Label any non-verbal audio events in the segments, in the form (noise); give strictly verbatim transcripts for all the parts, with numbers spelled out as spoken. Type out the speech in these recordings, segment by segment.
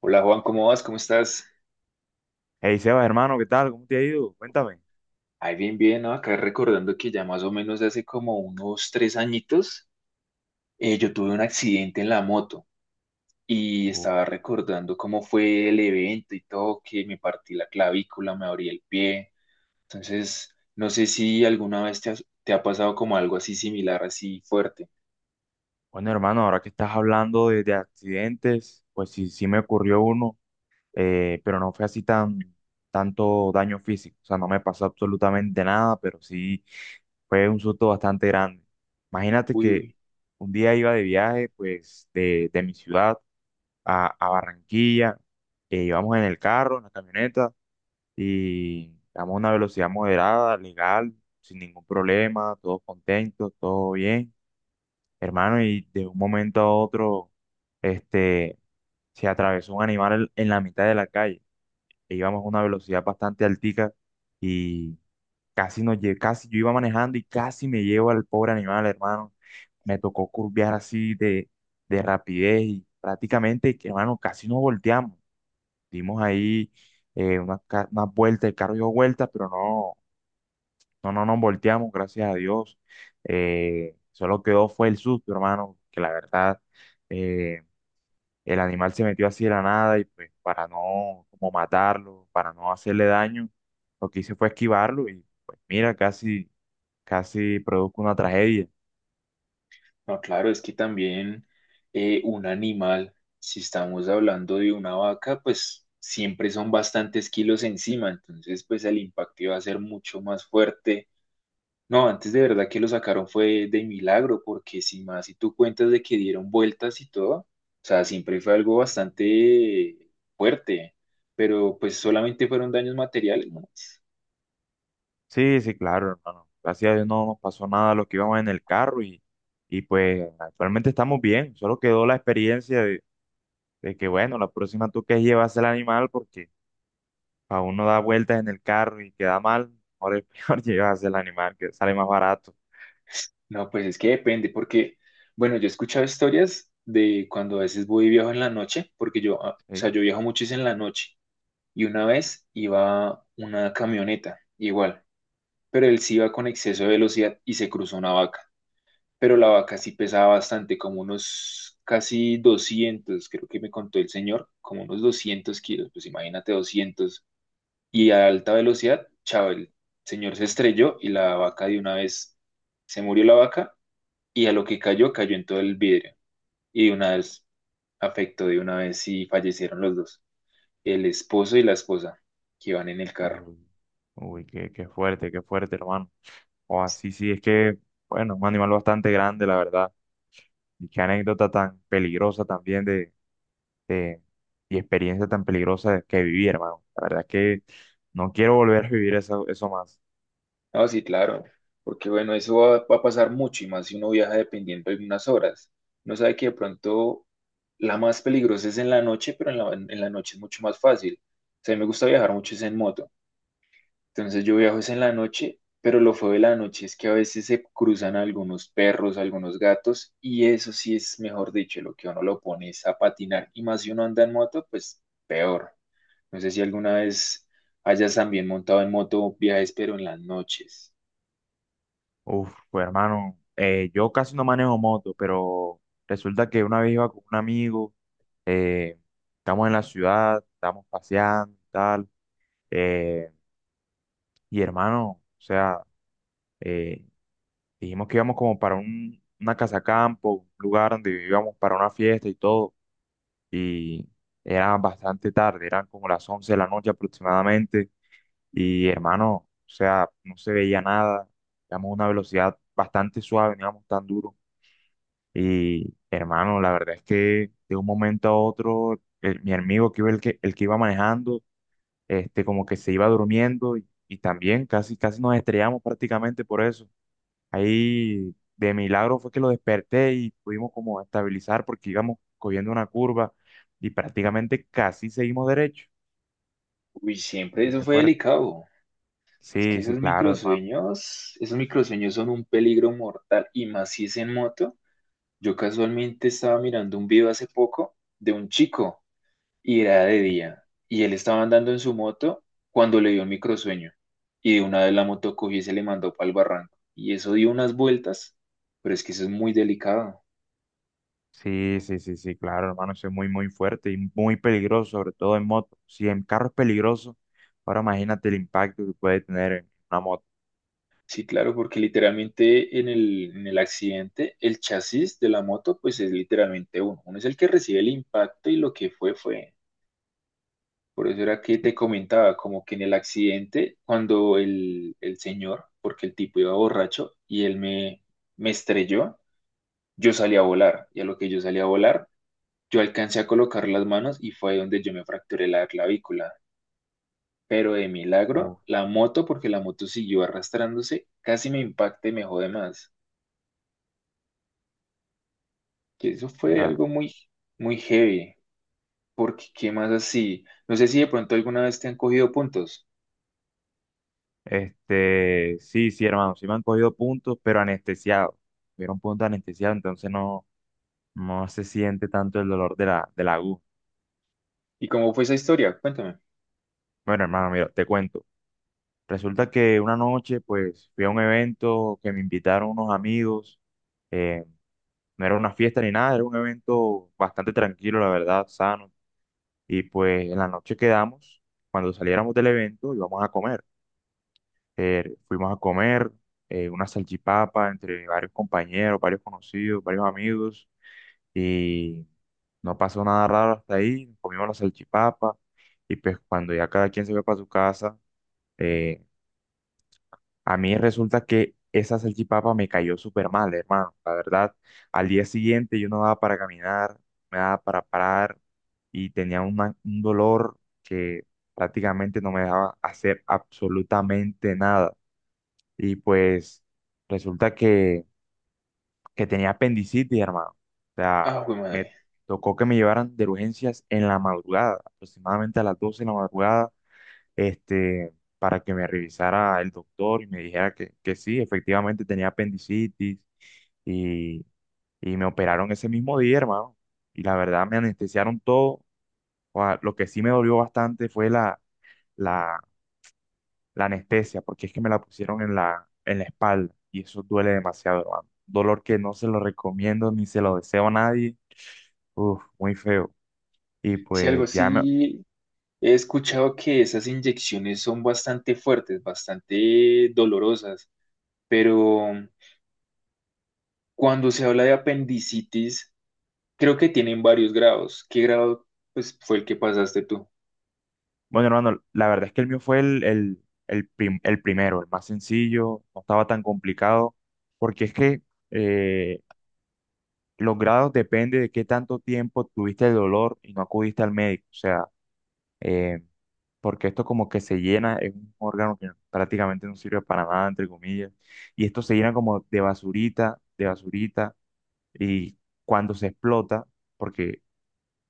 Hola Juan, ¿cómo vas? ¿Cómo estás? Hey Sebas, hermano, ¿qué tal? ¿Cómo te ha ido? Cuéntame. Ay, bien, bien, ¿no? Acá recordando que ya más o menos hace como unos tres añitos eh, yo tuve un accidente en la moto y Uh, estaba recordando cómo fue el evento y todo, que me partí la clavícula, me abrí el pie. Entonces, no sé si alguna vez te has- te ha pasado como algo así similar, así fuerte. bueno, hermano, ahora que estás hablando de, de accidentes, pues sí, sí me ocurrió uno, eh, pero no fue así tan tanto daño físico. O sea, no me pasó absolutamente nada, pero sí fue un susto bastante grande. Imagínate Uy, que uy. un día iba de viaje, pues, de, de mi ciudad a, a Barranquilla. Eh, íbamos en el carro, en la camioneta. Y vamos a una velocidad moderada, legal, sin ningún problema, todos contentos, todo bien, hermano, y de un momento a otro, este, se atravesó un animal en en la mitad de la calle, e íbamos a una velocidad bastante altica y casi nos lle- casi yo iba manejando y casi me llevo al pobre animal, hermano, me tocó curvear así de, de rapidez y prácticamente, que, hermano, casi nos volteamos, dimos ahí eh, unas, ca- unas vueltas, el carro dio vueltas, pero no. No, no nos volteamos, gracias a Dios. Eh, solo quedó fue el susto, hermano, que la verdad eh, el animal se metió así de la nada y pues para no como matarlo, para no hacerle daño, lo que hice fue esquivarlo y pues mira, casi, casi produjo una tragedia. No, claro, es que también eh, un animal, si estamos hablando de una vaca, pues siempre son bastantes kilos encima, entonces pues el impacto iba a ser mucho más fuerte. No, antes de verdad que lo sacaron fue de milagro, porque si más, si tú cuentas de que dieron vueltas y todo, o sea, siempre fue algo bastante fuerte, pero pues solamente fueron daños materiales, ¿no? Sí, sí, claro, hermano. Gracias a Dios no nos pasó nada a los que íbamos en el carro y, y pues actualmente estamos bien. Solo quedó la experiencia de, de que bueno, la próxima tú que llevas el animal porque a uno da vueltas en el carro y queda mal, mejor es peor (laughs) llevarse el animal, que sale más barato. No, pues es que depende, porque, bueno, yo he escuchado historias de cuando a veces voy y viajo en la noche, porque yo, ah, o sea, ¿Sí? yo viajo mucho es en la noche, y una vez iba una camioneta, igual, pero él sí iba con exceso de velocidad y se cruzó una vaca, pero la vaca sí pesaba bastante, como unos casi doscientos creo que me contó el señor, como unos doscientos kilos, pues imagínate doscientos y a alta velocidad, chao, el señor se estrelló y la vaca de una vez se murió la vaca y a lo que cayó, cayó en todo el vidrio. Y de una vez afectó, de una vez sí fallecieron los dos, el esposo y la esposa, que iban en el carro. Uy, uy, qué, qué fuerte, qué fuerte, hermano. O así, sí, es que, bueno, un animal bastante grande, la verdad. Y qué anécdota tan peligrosa también de, de- y experiencia tan peligrosa que viví, hermano. La verdad es que no quiero volver a vivir eso, eso más. No, sí, claro, porque bueno, eso va, va a pasar mucho y más si uno viaja dependiendo de unas horas. Uno sabe que de pronto la más peligrosa es en la noche, pero en la, en la noche es mucho más fácil. O sea, a mí me gusta viajar mucho es en moto. Entonces yo viajo es en la noche, pero lo feo de la noche es que a veces se cruzan algunos perros, algunos gatos, y eso sí es, mejor dicho, lo que a uno lo pone es a patinar. Y más si uno anda en moto, pues peor. No sé si alguna vez hayas también montado en moto viajes, pero en las noches. Uf, pues hermano, eh, yo casi no manejo moto, pero resulta que una vez iba con un amigo, eh, estamos en la ciudad, estamos paseando y tal, eh, y hermano, o sea, eh, dijimos que íbamos como para un, una casa campo, un lugar donde íbamos para una fiesta y todo, y era bastante tarde, eran como las once de la noche aproximadamente, y hermano, o sea, no se veía nada, íbamos a una velocidad bastante suave, no íbamos tan duro. Y hermano, la verdad es que de un momento a otro, el- mi amigo que iba, el que, el que iba manejando, este, como que se iba durmiendo y, y también casi, casi nos estrellamos prácticamente por eso. Ahí de milagro fue que lo desperté y pudimos como estabilizar porque íbamos cogiendo una curva y prácticamente casi seguimos derecho. Uy, siempre eso Muy fue fuerte. delicado. Es que Sí, sí, esos claro, hermano. microsueños, esos microsueños son un peligro mortal, y más si es en moto. Yo casualmente estaba mirando un video hace poco de un chico. Y era de Sí. día, y él estaba andando en su moto cuando le dio un microsueño, y de una vez la moto cogió y se le mandó para el barranco, y eso dio unas vueltas, pero es que eso es muy delicado. Sí, sí, sí, sí, claro, hermano, eso es muy, muy fuerte y muy peligroso, sobre todo en moto. Si en carro es peligroso, ahora imagínate el impacto que puede tener en una moto. Sí, claro, porque literalmente en el, en el accidente, el chasis de la moto, pues es literalmente uno. Uno es el que recibe el impacto y lo que fue, fue. Por eso era que Sí, te comentaba, como que en el accidente, cuando el, el señor, porque el tipo iba borracho y él me, me estrelló, yo salí a volar y a lo que yo salí a volar, yo alcancé a colocar las manos y fue ahí donde yo me fracturé la clavícula. Pero de milagro, uf, la moto, porque la moto siguió arrastrándose, casi me impacta y me jode más. Que eso fue la- algo muy, muy heavy, porque qué más así. No sé si de pronto alguna vez te han cogido puntos. Este, sí, sí, hermano, sí me han cogido puntos, pero anestesiado. Tuvieron puntos anestesiados, entonces no, no se siente tanto el dolor de la, de la aguja. ¿Y cómo fue esa historia? Cuéntame. Bueno, hermano, mira, te cuento. Resulta que una noche, pues, fui a un evento que me invitaron unos amigos. eh, No era una fiesta ni nada, era un evento bastante tranquilo, la verdad, sano. Y pues en la noche quedamos, cuando saliéramos del evento íbamos a comer. Eh, fuimos a comer eh, una salchipapa entre varios compañeros, varios conocidos, varios amigos. Y no pasó nada raro hasta ahí, comimos la salchipapa. Y pues cuando ya cada quien se fue para su casa, eh, a mí resulta que esa salchipapa me cayó súper mal, hermano. La verdad, al día siguiente yo no daba para caminar, me daba para parar y tenía una- un dolor que prácticamente no me dejaba hacer absolutamente nada. Y pues resulta que, que tenía apendicitis, hermano. O sea, Ah, güey me madre. tocó que me llevaran de urgencias en la madrugada, aproximadamente a las doce de la madrugada este, para que me revisara el doctor y me dijera que, que sí, efectivamente tenía apendicitis y, y me operaron ese mismo día, hermano. Y la verdad me anestesiaron todo. O sea, lo que sí me dolió bastante fue la, la, la anestesia, porque es que me la pusieron en la, en la espalda y eso duele demasiado, hermano. Dolor que no se lo recomiendo ni se lo deseo a nadie. Uf, muy feo. Y Si algo pues ya me, sí he escuchado que esas inyecciones son bastante fuertes, bastante dolorosas, pero cuando se habla de apendicitis, creo que tienen varios grados. ¿Qué grado, pues, fue el que pasaste tú? bueno, hermano, la verdad es que el mío fue el, el, el, prim- el primero, el más sencillo, no estaba tan complicado, porque es que eh, los grados depende de qué tanto tiempo tuviste el dolor y no acudiste al médico, o sea, eh, porque esto como que se llena, es un órgano que prácticamente no sirve para nada, entre comillas, y esto se llena como de basurita, de basurita, y cuando se explota, porque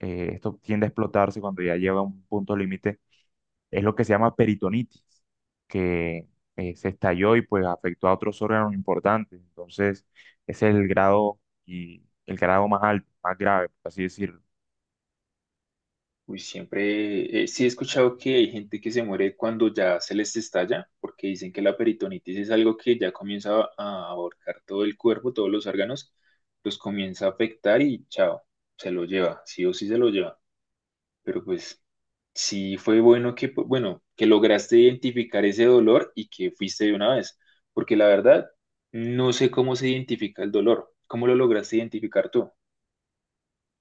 eh, esto tiende a explotarse cuando ya lleva a un punto límite es lo que se llama peritonitis, que eh, se estalló y pues afectó a otros órganos importantes. Entonces, ese es el grado y el grado más alto, más grave, por así decirlo. Uy, siempre, eh, sí he escuchado que hay gente que se muere cuando ya se les estalla, porque dicen que la peritonitis es algo que ya comienza a a abarcar todo el cuerpo, todos los órganos, los comienza a afectar y chao, se lo lleva, sí o sí se lo lleva. Pero pues sí, fue bueno que, pu- bueno, que lograste identificar ese dolor y que fuiste de una vez, porque la verdad, no sé cómo se identifica el dolor, cómo lo lograste identificar tú.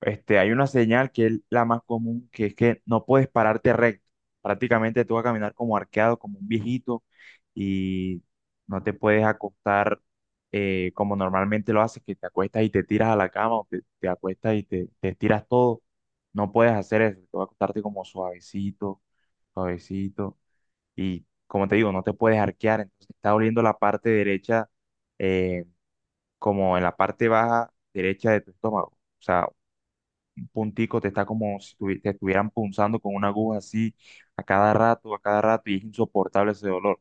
este, Hay una señal que es la más común, que es que no puedes pararte recto. Prácticamente tú vas a caminar como arqueado, como un viejito, y no te puedes acostar eh, como normalmente lo haces, que te acuestas y te tiras a la cama, o te, te acuestas y te, te estiras todo. No puedes hacer eso, te vas a acostarte como suavecito, suavecito, y como te digo, no te puedes arquear, entonces te está doliendo la parte derecha, eh, como en la parte baja derecha de tu estómago. O sea, puntico, te está como si tuvi- te estuvieran punzando con una aguja así a cada rato, a cada rato, y es insoportable ese dolor.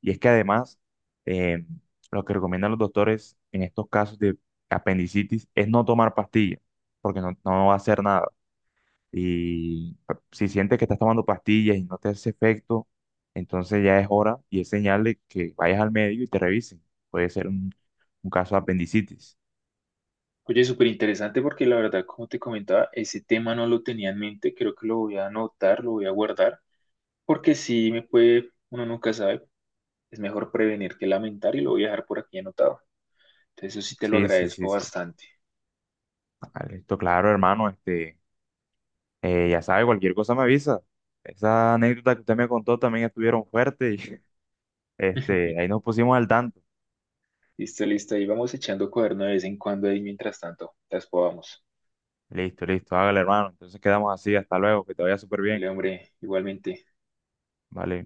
Y es que además, eh, lo que recomiendan los doctores en estos casos de apendicitis es no tomar pastillas, porque no, no va a hacer nada. Y ah, si sientes que estás tomando pastillas y no te hace efecto, entonces ya es hora y es señal de que vayas al médico y te revisen. Puede ser un, un caso de apendicitis. Oye, súper interesante porque la verdad, como te comentaba, ese tema no lo tenía en mente, creo que lo voy a anotar, lo voy a guardar, porque si me puede, uno nunca sabe, es mejor prevenir que lamentar y lo voy a dejar por aquí anotado. Entonces, eso sí te lo Sí, sí, sí, agradezco sí. bastante. Vale, esto claro, hermano, este. Eh, ya sabe, cualquier cosa me avisa. Esa anécdota que usted me contó también estuvieron fuertes y (laughs) este, ahí (laughs) nos pusimos al tanto. Listo, listo, ahí vamos echando cuaderno de vez en cuando ahí mientras tanto, las podamos. Listo, listo, hágale, hermano. Entonces quedamos así, hasta luego, que te vaya súper El bien. hombre, igualmente. Vale.